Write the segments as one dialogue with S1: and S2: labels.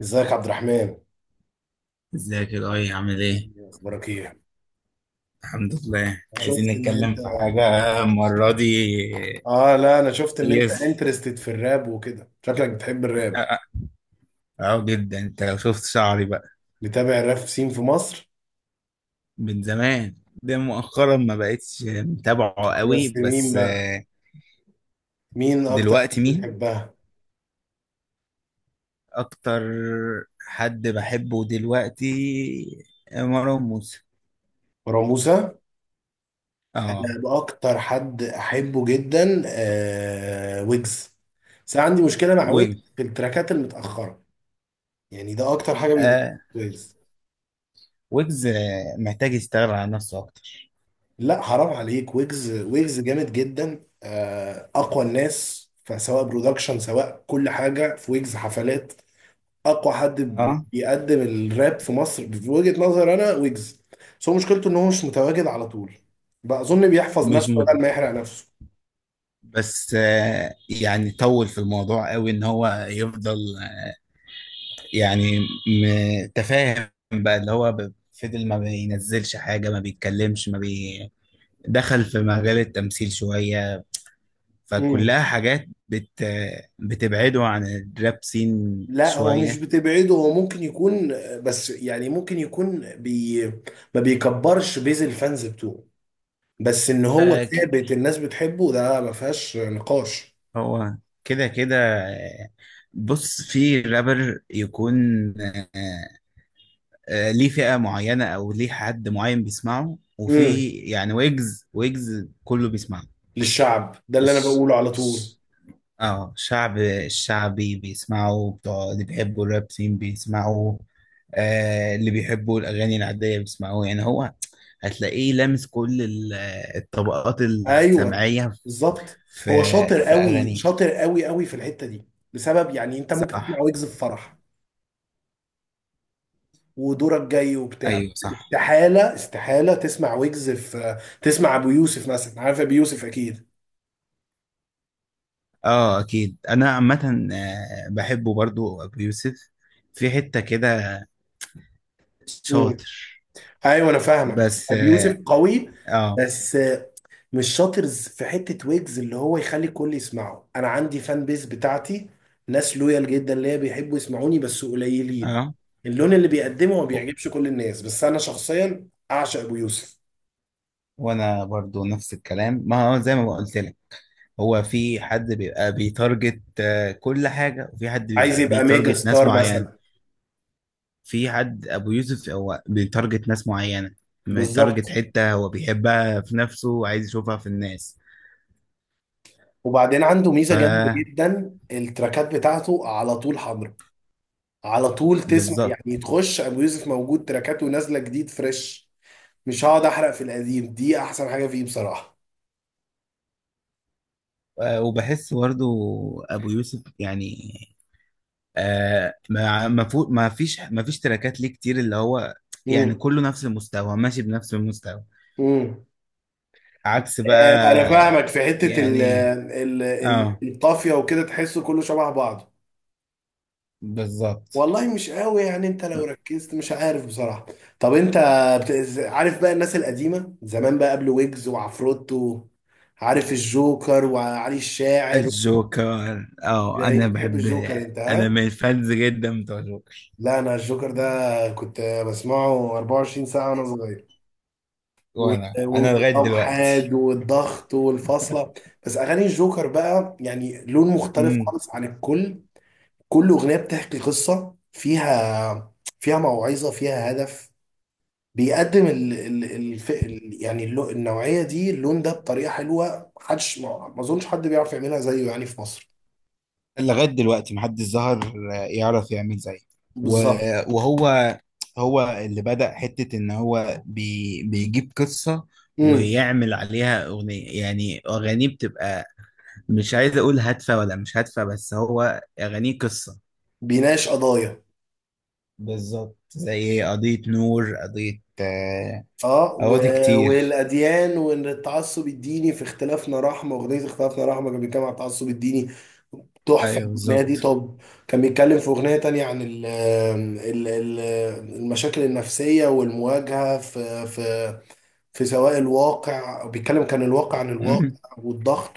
S1: ازيك عبد الرحمن؟
S2: ازيك يا ضاي، عامل ايه؟
S1: إيه اخبارك؟ ايه،
S2: الحمد لله.
S1: انا
S2: عايزين
S1: شفت ان انت...
S2: نتكلم في حاجة المرة دي.
S1: اه، لا انا شفت ان انت
S2: يس.
S1: انترستد في الراب وكده، شكلك بتحب
S2: اه،
S1: الراب.
S2: اه. اه، جدا. انت لو شفت شعري بقى.
S1: بتابع الراب سين في مصر؟
S2: من زمان. ده مؤخرا ما بقتش متابعه قوي،
S1: بس مين
S2: بس
S1: بقى؟ مين اكتر حد
S2: دلوقتي مين؟
S1: بتحبها؟
S2: أكتر حد بحبه دلوقتي مروان موسى.
S1: مروان موسى. انا
S2: اه،
S1: باكتر حد احبه جدا ويجز. بس أنا عندي مشكله مع ويجز
S2: ويجز.
S1: في التراكات المتاخره. يعني ده اكتر حاجه بيضايقني
S2: آه
S1: في ويجز.
S2: ويجز، محتاج يشتغل على نفسه أكتر.
S1: لا، حرام عليك، ويجز ويجز جامد جدا، اقوى الناس. فسواء برودكشن، سواء كل حاجه في ويجز، حفلات. اقوى حد
S2: اه.
S1: بيقدم الراب في مصر في وجهه نظر انا ويجز. بس هو مشكلته ان هو مش متواجد على طول. بقى اظن بيحفظ
S2: مش
S1: نفسه
S2: م...
S1: بدل ما يحرق نفسه.
S2: بس، يعني طول في الموضوع قوي ان هو يفضل، يعني متفاهم بقى، اللي هو فضل ما بينزلش حاجة، ما بيتكلمش، ما بي... دخل في مجال التمثيل شوية.
S1: امم
S2: فكلها حاجات بت... آه، بتبعده عن الراب سين
S1: لا، هو مش
S2: شوية.
S1: بتبعده، هو ممكن يكون. بس يعني ممكن يكون ما بيكبرش بيز الفانز بتوعه. بس ان هو
S2: آه، ك-
S1: ثابت، الناس بتحبه ده ما فيهاش نقاش.
S2: هو كده كده آه، بص، في رابر يكون ليه فئة معينة، أو ليه حد معين بيسمعه، وفي يعني ويجز. ويجز كله بيسمعه.
S1: للشعب، ده اللي انا
S2: الش-
S1: بقوله على طول.
S2: الش- اه، شعب. الشعبي بيسمعه، بتوع اللي بيحبوا الراب سين بيسمعوا، آه، اللي بيحبوا الأغاني العادية بيسمعوه. يعني هو هتلاقيه لامس كل الطبقات
S1: ايوه،
S2: السمعية.
S1: بالظبط.
S2: في
S1: هو شاطر
S2: في
S1: قوي،
S2: أغانيه.
S1: شاطر قوي قوي في الحته دي. لسبب يعني انت ممكن تسمع
S2: صح.
S1: ويجز في فرح ودورك جاي وبتاع.
S2: أيوه صح.
S1: استحاله استحاله تسمع ويجز في تسمع ابو يوسف مثلا. عارف ابو يوسف اكيد.
S2: اه أكيد. أنا عامة بحبه برضو أبو يوسف. في حتة كده
S1: امم
S2: شاطر.
S1: ايوه، انا فاهمك.
S2: بس،
S1: ابو
S2: اه.
S1: يوسف قوي.
S2: اه.
S1: بس مش شاطرز في حتة ويجز اللي هو يخلي الكل يسمعه. انا عندي فان بيس بتاعتي، ناس لويال جدا ليا، بيحبوا يسمعوني بس قليلين.
S2: آه.
S1: اللون اللي بيقدمه ما بيعجبش كل الناس، بس انا شخصيا اعشق ابو يوسف.
S2: وانا برضو نفس الكلام، ما هو زي ما قلت لك. هو في حد بيبقى بيتارجت كل حاجة، وفي حد
S1: عايز
S2: بيبقى
S1: يبقى ميجا
S2: بيتارجت ناس
S1: ستار
S2: معينة.
S1: مثلا.
S2: في حد ابو يوسف هو بيتارجت ناس معينة. بيتارجت
S1: بالظبط.
S2: حتة هو بيحبها في نفسه، وعايز يشوفها في الناس.
S1: وبعدين عنده ميزة جامدة
S2: فبالظبط.
S1: جدا، التراكات بتاعته على طول حاضرة. على طول تسمع، يعني تخش ابو يوسف موجود، تراكاته نازلة جديد فريش. مش هقعد احرق في القديم، دي احسن حاجة فيه بصراحة.
S2: وبحس برضو ابو يوسف، يعني ما فيش تراكات ليه كتير. اللي هو يعني كله نفس المستوى، ماشي بنفس المستوى،
S1: امم
S2: عكس
S1: انا
S2: بقى.
S1: فاهمك في حته ال
S2: يعني
S1: ال ال
S2: اه
S1: الطافيه وكده، تحسه كله شبه بعضه.
S2: بالظبط.
S1: والله مش قوي، يعني انت لو ركزت مش عارف بصراحه. طب انت عارف بقى الناس القديمه زمان، بقى قبل ويجز وعفروتو، عارف الجوكر وعلي الشاعر؟
S2: الجوكر، اه،
S1: يعني
S2: انا
S1: بتحب
S2: بحب.
S1: الجوكر انت،
S2: انا
S1: ها؟
S2: من الفانز جدا بتوع الجوكر.
S1: لا، انا الجوكر ده كنت بسمعه 24 ساعه وانا صغير.
S2: وانا لغاية
S1: وانقسام حاد
S2: دلوقتي.
S1: والضغط والفاصله. بس اغاني الجوكر بقى يعني لون مختلف خالص عن الكل. كل أغنية بتحكي قصة فيها، فيها موعظة، فيها هدف. بيقدم ال ال الف ال يعني النوعية دي، اللون ده، بطريقة حلوة محدش ما ما أظنش حد بيعرف يعملها زيه يعني في مصر.
S2: لغاية دلوقتي محدش ظهر يعرف يعمل زيه.
S1: بالظبط.
S2: و- وهو هو اللي بدأ حتة إن هو بيجيب قصة،
S1: امم.
S2: ويعمل عليها أغنية. يعني أغانيه بتبقى، مش عايز أقول هادفة ولا مش هادفة، بس هو أغانيه قصة.
S1: بيناقش قضايا.
S2: بالظبط، زي قضية نور، قضية
S1: اه،
S2: قواضي كتير.
S1: والاديان، وان التعصب الديني في اختلافنا رحمه. اغنيه اختلافنا رحمه كان بيتكلم عن التعصب الديني. تحفه
S2: أيوه
S1: الاغنيه دي.
S2: بالظبط.
S1: طب، كان بيتكلم في اغنيه تانية عن ال ال ال المشاكل النفسيه والمواجهه، في سواء الواقع، بيتكلم كان الواقع عن الواقع
S2: مم.
S1: والضغط.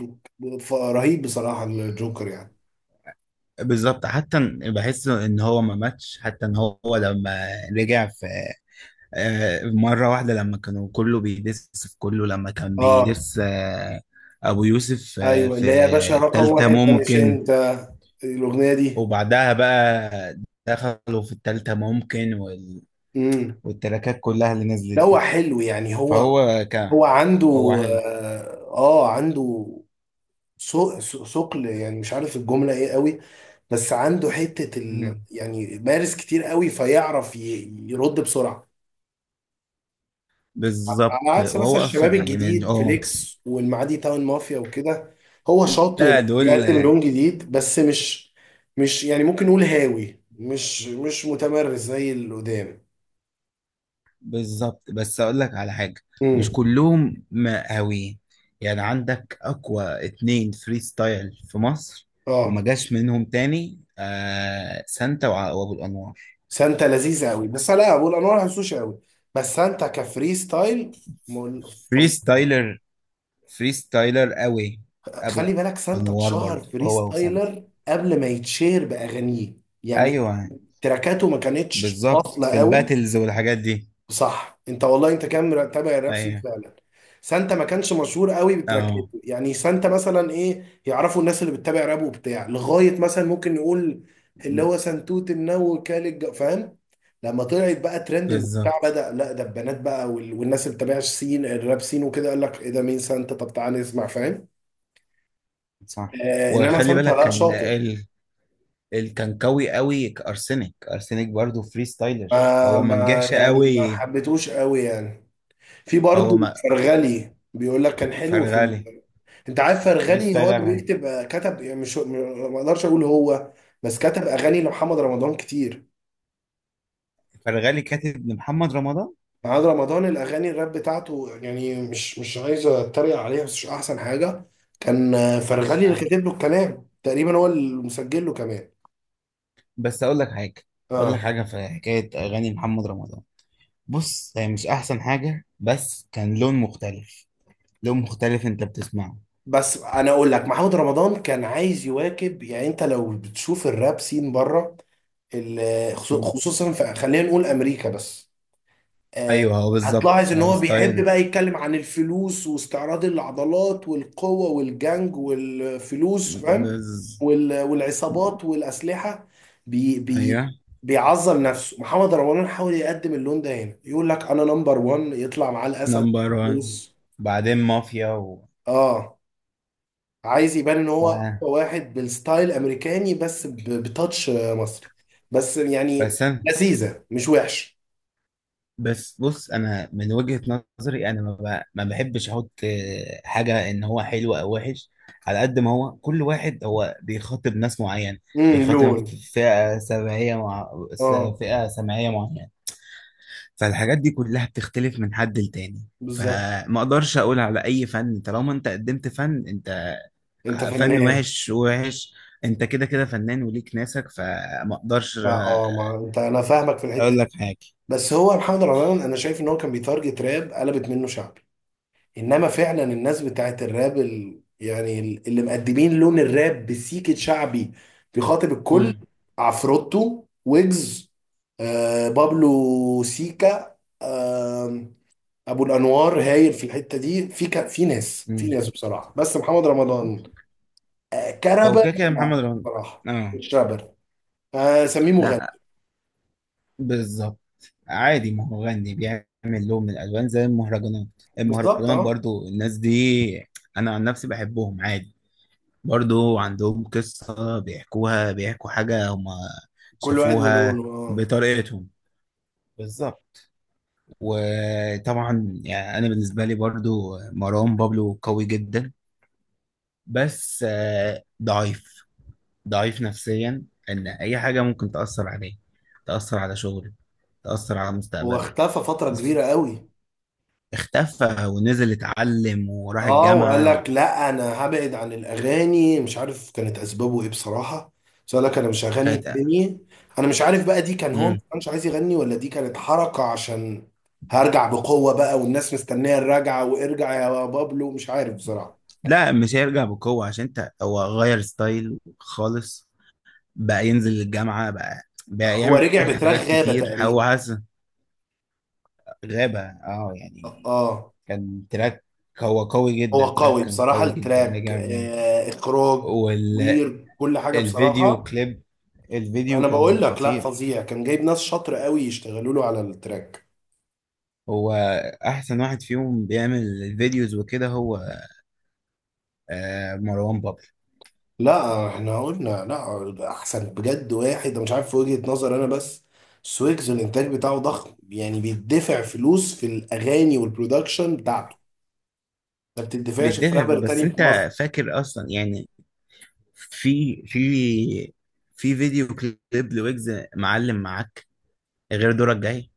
S1: رهيب بصراحه الجوكر يعني.
S2: بالظبط. حتى بحس إن هو ما ماتش. حتى إن هو لما رجع في، مرة واحدة، لما كانوا كله بيدس في كله، لما كان
S1: اه،
S2: بيدس، أبو يوسف،
S1: ايوه
S2: في
S1: اللي هي يا باشا رقم
S2: التالتة
S1: واحد، ده مش
S2: ممكن.
S1: انت؟ الاغنيه دي.
S2: وبعدها بقى دخلوا في التالتة ممكن
S1: امم.
S2: والتراكات كلها اللي نزلت
S1: لا، هو
S2: دي.
S1: حلو، يعني هو،
S2: فهو كان
S1: هو عنده...
S2: هو حلو.
S1: عنده ثقل يعني، مش عارف الجملة ايه قوي، بس عنده حتة ال،
S2: مم.
S1: يعني مارس كتير قوي فيعرف يرد بسرعة. على
S2: بالظبط.
S1: عكس مثلا
S2: وهو
S1: الشباب
S2: أصلا يعني من
S1: الجديد
S2: اه
S1: فليكس والمعادي تاون مافيا وكده. هو شاطر
S2: لا دول
S1: بيقدم
S2: آه،
S1: لون جديد، بس مش، مش يعني ممكن نقول هاوي، مش متمرس زي اللي قدام.
S2: بالظبط. بس اقول لك على حاجه، مش
S1: امم.
S2: كلهم مقاويين. يعني عندك اقوى اتنين فري ستايل في مصر وما
S1: اه،
S2: جاش منهم تاني، آه، سانتا وابو الانوار.
S1: سانتا لذيذة قوي، بس انا لا، والانواع ما بحسوش قوي. بس سانتا كفري ستايل
S2: فري
S1: فظيع.
S2: ستايلر، فري ستايلر قوي. ابو
S1: خلي بالك سانتا
S2: الانوار
S1: اتشهر
S2: برضه،
S1: فري
S2: هو وسانتا.
S1: ستايلر قبل ما يتشهر باغانيه، يعني
S2: ايوه
S1: تراكاته ما كانتش
S2: بالظبط،
S1: واصله
S2: في
S1: قوي.
S2: الباتلز والحاجات دي.
S1: صح، انت والله انت كان متابع الراب سين
S2: ايوه
S1: فعلا. سانتا ما كانش مشهور قوي
S2: اه
S1: بتراكاته، يعني سانتا مثلا ايه يعرفوا الناس اللي بتتابع راب وبتاع لغايه مثلا ممكن نقول اللي هو سنتوت النو كالج فاهم. لما طلعت بقى ترندنج وبتاع،
S2: بالظبط
S1: بدأ، لا ده البنات بقى والناس اللي بتتابعش سين الراب سين وكده، قال لك ايه ده؟ مين سانتا؟ طب تعالى نسمع، فاهم.
S2: صح.
S1: آه، انما
S2: وخلي
S1: سانتا،
S2: بالك
S1: لا،
S2: كان
S1: شاطر.
S2: كان قوي قوي ارسنال. ارسنال برضه فري ستايلر،
S1: ما
S2: هو ما
S1: ما
S2: نجحش
S1: يعني ما
S2: قوي.
S1: حبيتهوش قوي يعني. في
S2: هو
S1: برضه
S2: ما
S1: فرغلي بيقول لك كان حلو في.
S2: فرغالي.
S1: انت عارف
S2: فري
S1: فرغني هو
S2: ستايلر.
S1: اللي بيكتب، كتب يعني، مش ما اقدرش اقول هو، بس كتب اغاني لمحمد رمضان كتير.
S2: فرغالي كاتب لمحمد رمضان.
S1: محمد رمضان الاغاني الراب بتاعته يعني، مش عايز اتريق عليها، بس مش احسن حاجه. كان
S2: مش
S1: فرغلي اللي
S2: أه.
S1: كاتب له الكلام تقريبا، هو اللي مسجل له كمان.
S2: بس اقول لك حاجه.
S1: اه.
S2: في حكايه اغاني محمد رمضان. بص، هي مش احسن حاجه، بس كان لون مختلف. لون مختلف انت بتسمعه.
S1: بس انا اقول لك، محمد رمضان كان عايز يواكب، يعني انت لو بتشوف الراب سين بره،
S2: مم.
S1: خصوصا في، خلينا نقول امريكا بس. آه،
S2: ايوه، هو بالظبط،
S1: هتلاحظ ان
S2: هو
S1: هو بيحب
S2: ستايل.
S1: بقى يتكلم عن الفلوس واستعراض العضلات والقوة والجنج والفلوس، فاهم؟
S2: بز...
S1: والعصابات والأسلحة. بي
S2: ايوه،
S1: بي بيعظم نفسه. محمد رمضان حاول يقدم اللون ده هنا، يقول لك انا نمبر وان، يطلع معاه الاسد،
S2: نمبر وان،
S1: فلوس.
S2: بعدين مافيا
S1: اه. عايز يبان ان هو
S2: و-
S1: أقوى واحد بالستايل امريكاني، بس بتاتش، مصري. بس يعني
S2: بس انا.
S1: لذيذة، مش وحش.
S2: بس بص، انا من وجهة نظري، انا ما بحبش احط حاجة ان هو حلو او وحش. على قد ما هو كل واحد هو بيخاطب ناس معين. بيخاطب
S1: لون.
S2: فئة سمعية
S1: اه،
S2: فئة سمعية معينة. فالحاجات دي كلها بتختلف من حد لتاني.
S1: بالظبط.
S2: فما اقدرش اقول على اي فن طالما انت قدمت فن. انت
S1: انت
S2: فن
S1: فاهمان.
S2: وحش وحش، انت كده كده فنان وليك ناسك. فما اقدرش
S1: ما
S2: آه،
S1: ما انت، انا فاهمك في الحته
S2: اقول
S1: دي.
S2: لك حاجة.
S1: بس هو محمد رمضان، انا شايف ان هو كان بيتارجت راب قلبت منه شعبي. انما فعلا الناس بتاعت الراب يعني اللي مقدمين لون الراب بسيكة شعبي بيخاطب الكل. عفروتو، ويجز، آه، بابلو سيكا، آه، ابو الانوار هايل في الحته دي، في في ناس،
S2: امم.
S1: بصراحه. بس محمد رمضان
S2: هو
S1: كرابر،
S2: كده كده
S1: لا
S2: محمد رمضان.
S1: بصراحه،
S2: اه،
S1: مش رابر. سميه مغني.
S2: لا، بالظبط، عادي. ما هو غني بيعمل لون من الالوان زي المهرجانات.
S1: بالظبط،
S2: المهرجانات
S1: اه،
S2: برضو، الناس دي انا عن نفسي بحبهم عادي. برضو عندهم قصة بيحكوها، بيحكوا حاجة هما
S1: كل واحد
S2: شافوها
S1: ولونه. اه،
S2: بطريقتهم. بالظبط. وطبعا يعني انا بالنسبة لي برضو مروان بابلو قوي جدا، بس ضعيف. ضعيف نفسيا، ان اي حاجه ممكن تاثر عليه، تاثر على شغله، تاثر على
S1: هو
S2: مستقبله.
S1: اختفى فترة كبيرة قوي.
S2: اختفى ونزل اتعلم وراح
S1: اه، وقال
S2: الجامعه.
S1: لك لا، انا هبعد عن الاغاني، مش عارف كانت اسبابه ايه بصراحة، بس قال لك انا مش هغني
S2: وكانت.
S1: تاني. انا مش عارف بقى، دي كان هو ما
S2: مم.
S1: كانش عايز يغني، ولا دي كانت حركة عشان هرجع بقوة بقى والناس مستنية الرجعة وارجع يا بابلو، مش عارف بصراحة.
S2: لا مش هيرجع بقوه، عشان انت هو غير ستايل خالص. بقى ينزل الجامعه، بقى
S1: هو
S2: يعمل
S1: رجع بتراك
S2: حاجات
S1: غابة
S2: كتير، هو
S1: تقريبا.
S2: حاسس. غابه، يعني
S1: اه.
S2: كان تراك. هو قوي
S1: هو
S2: جدا. تراك
S1: قوي
S2: كان
S1: بصراحة
S2: قوي جدا
S1: التراك،
S2: رجع بيه.
S1: اخراج وير كل حاجة
S2: والفيديو
S1: بصراحة.
S2: كليب، الفيديو
S1: انا بقول
S2: كان
S1: لك، لا،
S2: خطير.
S1: فظيع، كان جايب ناس شاطره قوي يشتغلوا له على التراك.
S2: هو احسن واحد فيهم بيعمل الفيديوز وكده، هو مروان بابلو.
S1: لا احنا قلنا لا، احسن بجد واحد، أنا مش عارف، في وجهة نظر انا، بس سويكس الانتاج بتاعه ضخم، يعني بيدفع فلوس في الاغاني والبرودكشن بتاعته ما بتدفعش في
S2: بيدافع.
S1: رابر
S2: بس
S1: تاني في مصر.
S2: انت فاكر اصلا، يعني في في في فيديو كليب لويجز، معلم معاك، غير دورك جاي.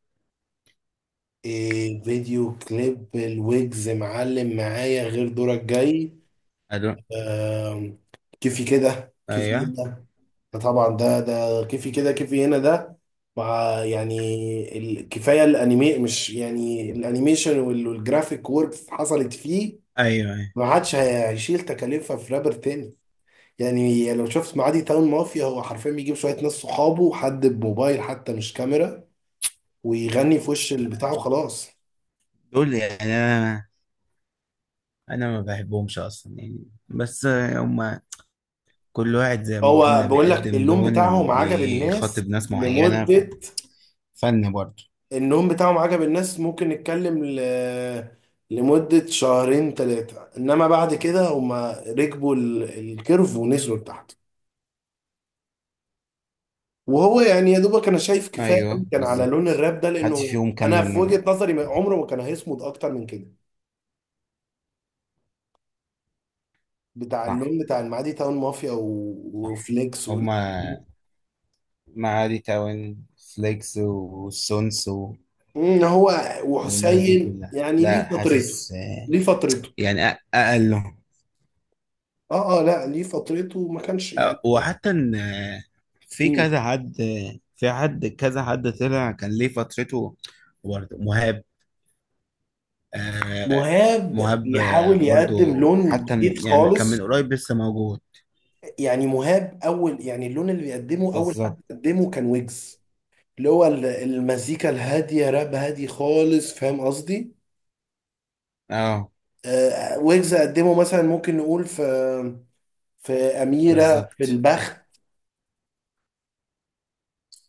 S1: إيه فيديو كليب الويجز معلم معايا غير دورك جاي؟
S2: أدو-
S1: آم، كيفي كده
S2: ايوه.
S1: كيفي. طبعا ده كيفي كده كيفي هنا ده، مع يعني الكفايه الانيمي، مش يعني الانيميشن والجرافيك ورك حصلت فيه.
S2: ايوه، أيوة.
S1: ما عادش هيشيل تكاليفها في رابر تاني. يعني لو شفت معادي تاون مافيا، هو حرفيا بيجيب شويه ناس صحابه، حد بموبايل حتى مش كاميرا، ويغني في وش البتاع وخلاص.
S2: دول يعني انا، ما بحبهمش اصلا، يعني بس هما كل واحد زي ما
S1: هو
S2: قلنا
S1: بقول لك
S2: بيقدم
S1: اللون
S2: لون،
S1: بتاعهم عجب الناس
S2: بيخاطب ناس معينة،
S1: لمده،
S2: فن برضه.
S1: النوم بتاعهم عجب الناس ممكن نتكلم لمدة شهرين ثلاثة، إنما بعد كده هما ركبوا الكيرف ونزلوا لتحت. وهو يعني يا دوبك أنا شايف كفاية أوي
S2: ايوه
S1: كان على لون
S2: بالظبط.
S1: الراب ده،
S2: محدش
S1: لأنه
S2: فيهم
S1: أنا
S2: كمل
S1: في
S2: نجم.
S1: وجهة نظري عمره ما كان هيصمد أكتر من كده. بتاع
S2: صح.
S1: اللون بتاع المعادي تاون مافيا وفليكس
S2: هما معادي تاون، فليكس والسونس
S1: هو
S2: والناس دي
S1: وحسين
S2: كلها،
S1: يعني ليه
S2: لا
S1: فترته،
S2: حاسس،
S1: ليه فترته.
S2: يعني أقلهم
S1: اه، اه، لا ليه فترته ما كانش.
S2: آه، وحتى إن، في
S1: يعني
S2: كذا حد، في حد كذا حد طلع كان ليه فترته. برضه مهاب آه،
S1: مهاب
S2: مهاب،
S1: بيحاول
S2: برضه.
S1: يقدم لون
S2: حتى
S1: جديد
S2: يعني كان من
S1: خالص.
S2: قريب لسه موجود.
S1: يعني مهاب اول يعني، اللون اللي بيقدمه اول
S2: بالظبط.
S1: حد قدمه كان ويجز، اللي هو المزيكا الهاديه، راب هادي خالص، فاهم قصدي.
S2: اه
S1: ويجز قدمه مثلا ممكن نقول في، في اميره في
S2: بالظبط.
S1: البخت.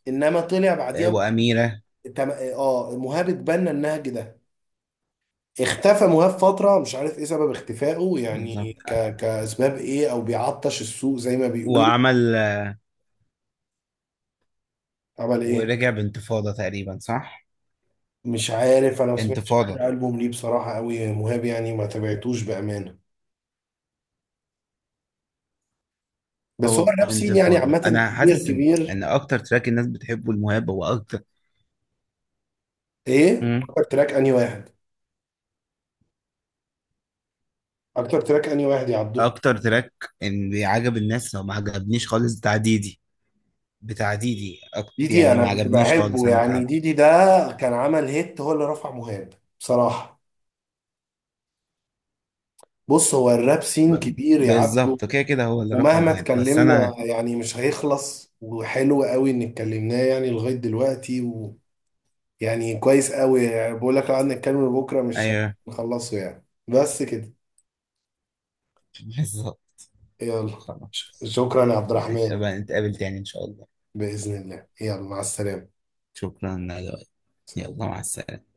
S1: انما طلع
S2: آه،
S1: بعديها
S2: وأميرة.
S1: مهاب اتبنى النهج ده. اختفى مهاب فتره، مش عارف ايه سبب اختفائه، يعني
S2: بالظبط.
S1: كاسباب ايه او بيعطش السوق زي ما بيقول.
S2: وعمل،
S1: عمل ايه؟
S2: ورجع بانتفاضة تقريبا، صح؟
S1: مش عارف، انا ما سمعتش
S2: انتفاضة.
S1: اخر البوم ليه بصراحه قوي مهاب يعني، ما تابعتوش بامانه. بس هو
S2: هو
S1: الراب سين يعني
S2: انتفاضة.
S1: عامه
S2: انا
S1: كبير،
S2: حاسس ان
S1: كبير.
S2: اكتر تراك الناس بتحبه المهاب هو اكتر.
S1: ايه
S2: امم.
S1: اكتر تراك انهي واحد؟ اكتر تراك انهي واحد يا عبدو؟
S2: اكتر تراك ان عجب الناس، لو ما عجبنيش خالص، بتاع ديدي. بتاع ديدي،
S1: ديدي،
S2: يعني
S1: انا
S2: ما
S1: كنت
S2: عجبنيش خالص،
S1: بحبه
S2: انا
S1: يعني،
S2: كعبده.
S1: ديدي ده كان عمل هيت، هو اللي رفع مهاب بصراحه. بص، هو الراب سين كبير يا عبدو،
S2: بالظبط، كده كده هو اللي رفع
S1: ومهما
S2: مهاب، بس انا.
S1: اتكلمنا يعني مش هيخلص، وحلو قوي ان اتكلمناه يعني لغايه دلوقتي، ويعني كويس قوي، يعني بقول لك لو قعدنا نتكلم بكره مش
S2: ايوه.
S1: هنخلصه يعني، بس كده.
S2: بالظبط.
S1: يلا،
S2: خلاص.
S1: شكرا يا عبد الرحمن.
S2: نتقابل تاني ان شاء الله.
S1: بإذن الله، يلا مع السلامة.
S2: شكرا يا لؤي. يلا مع السلامة.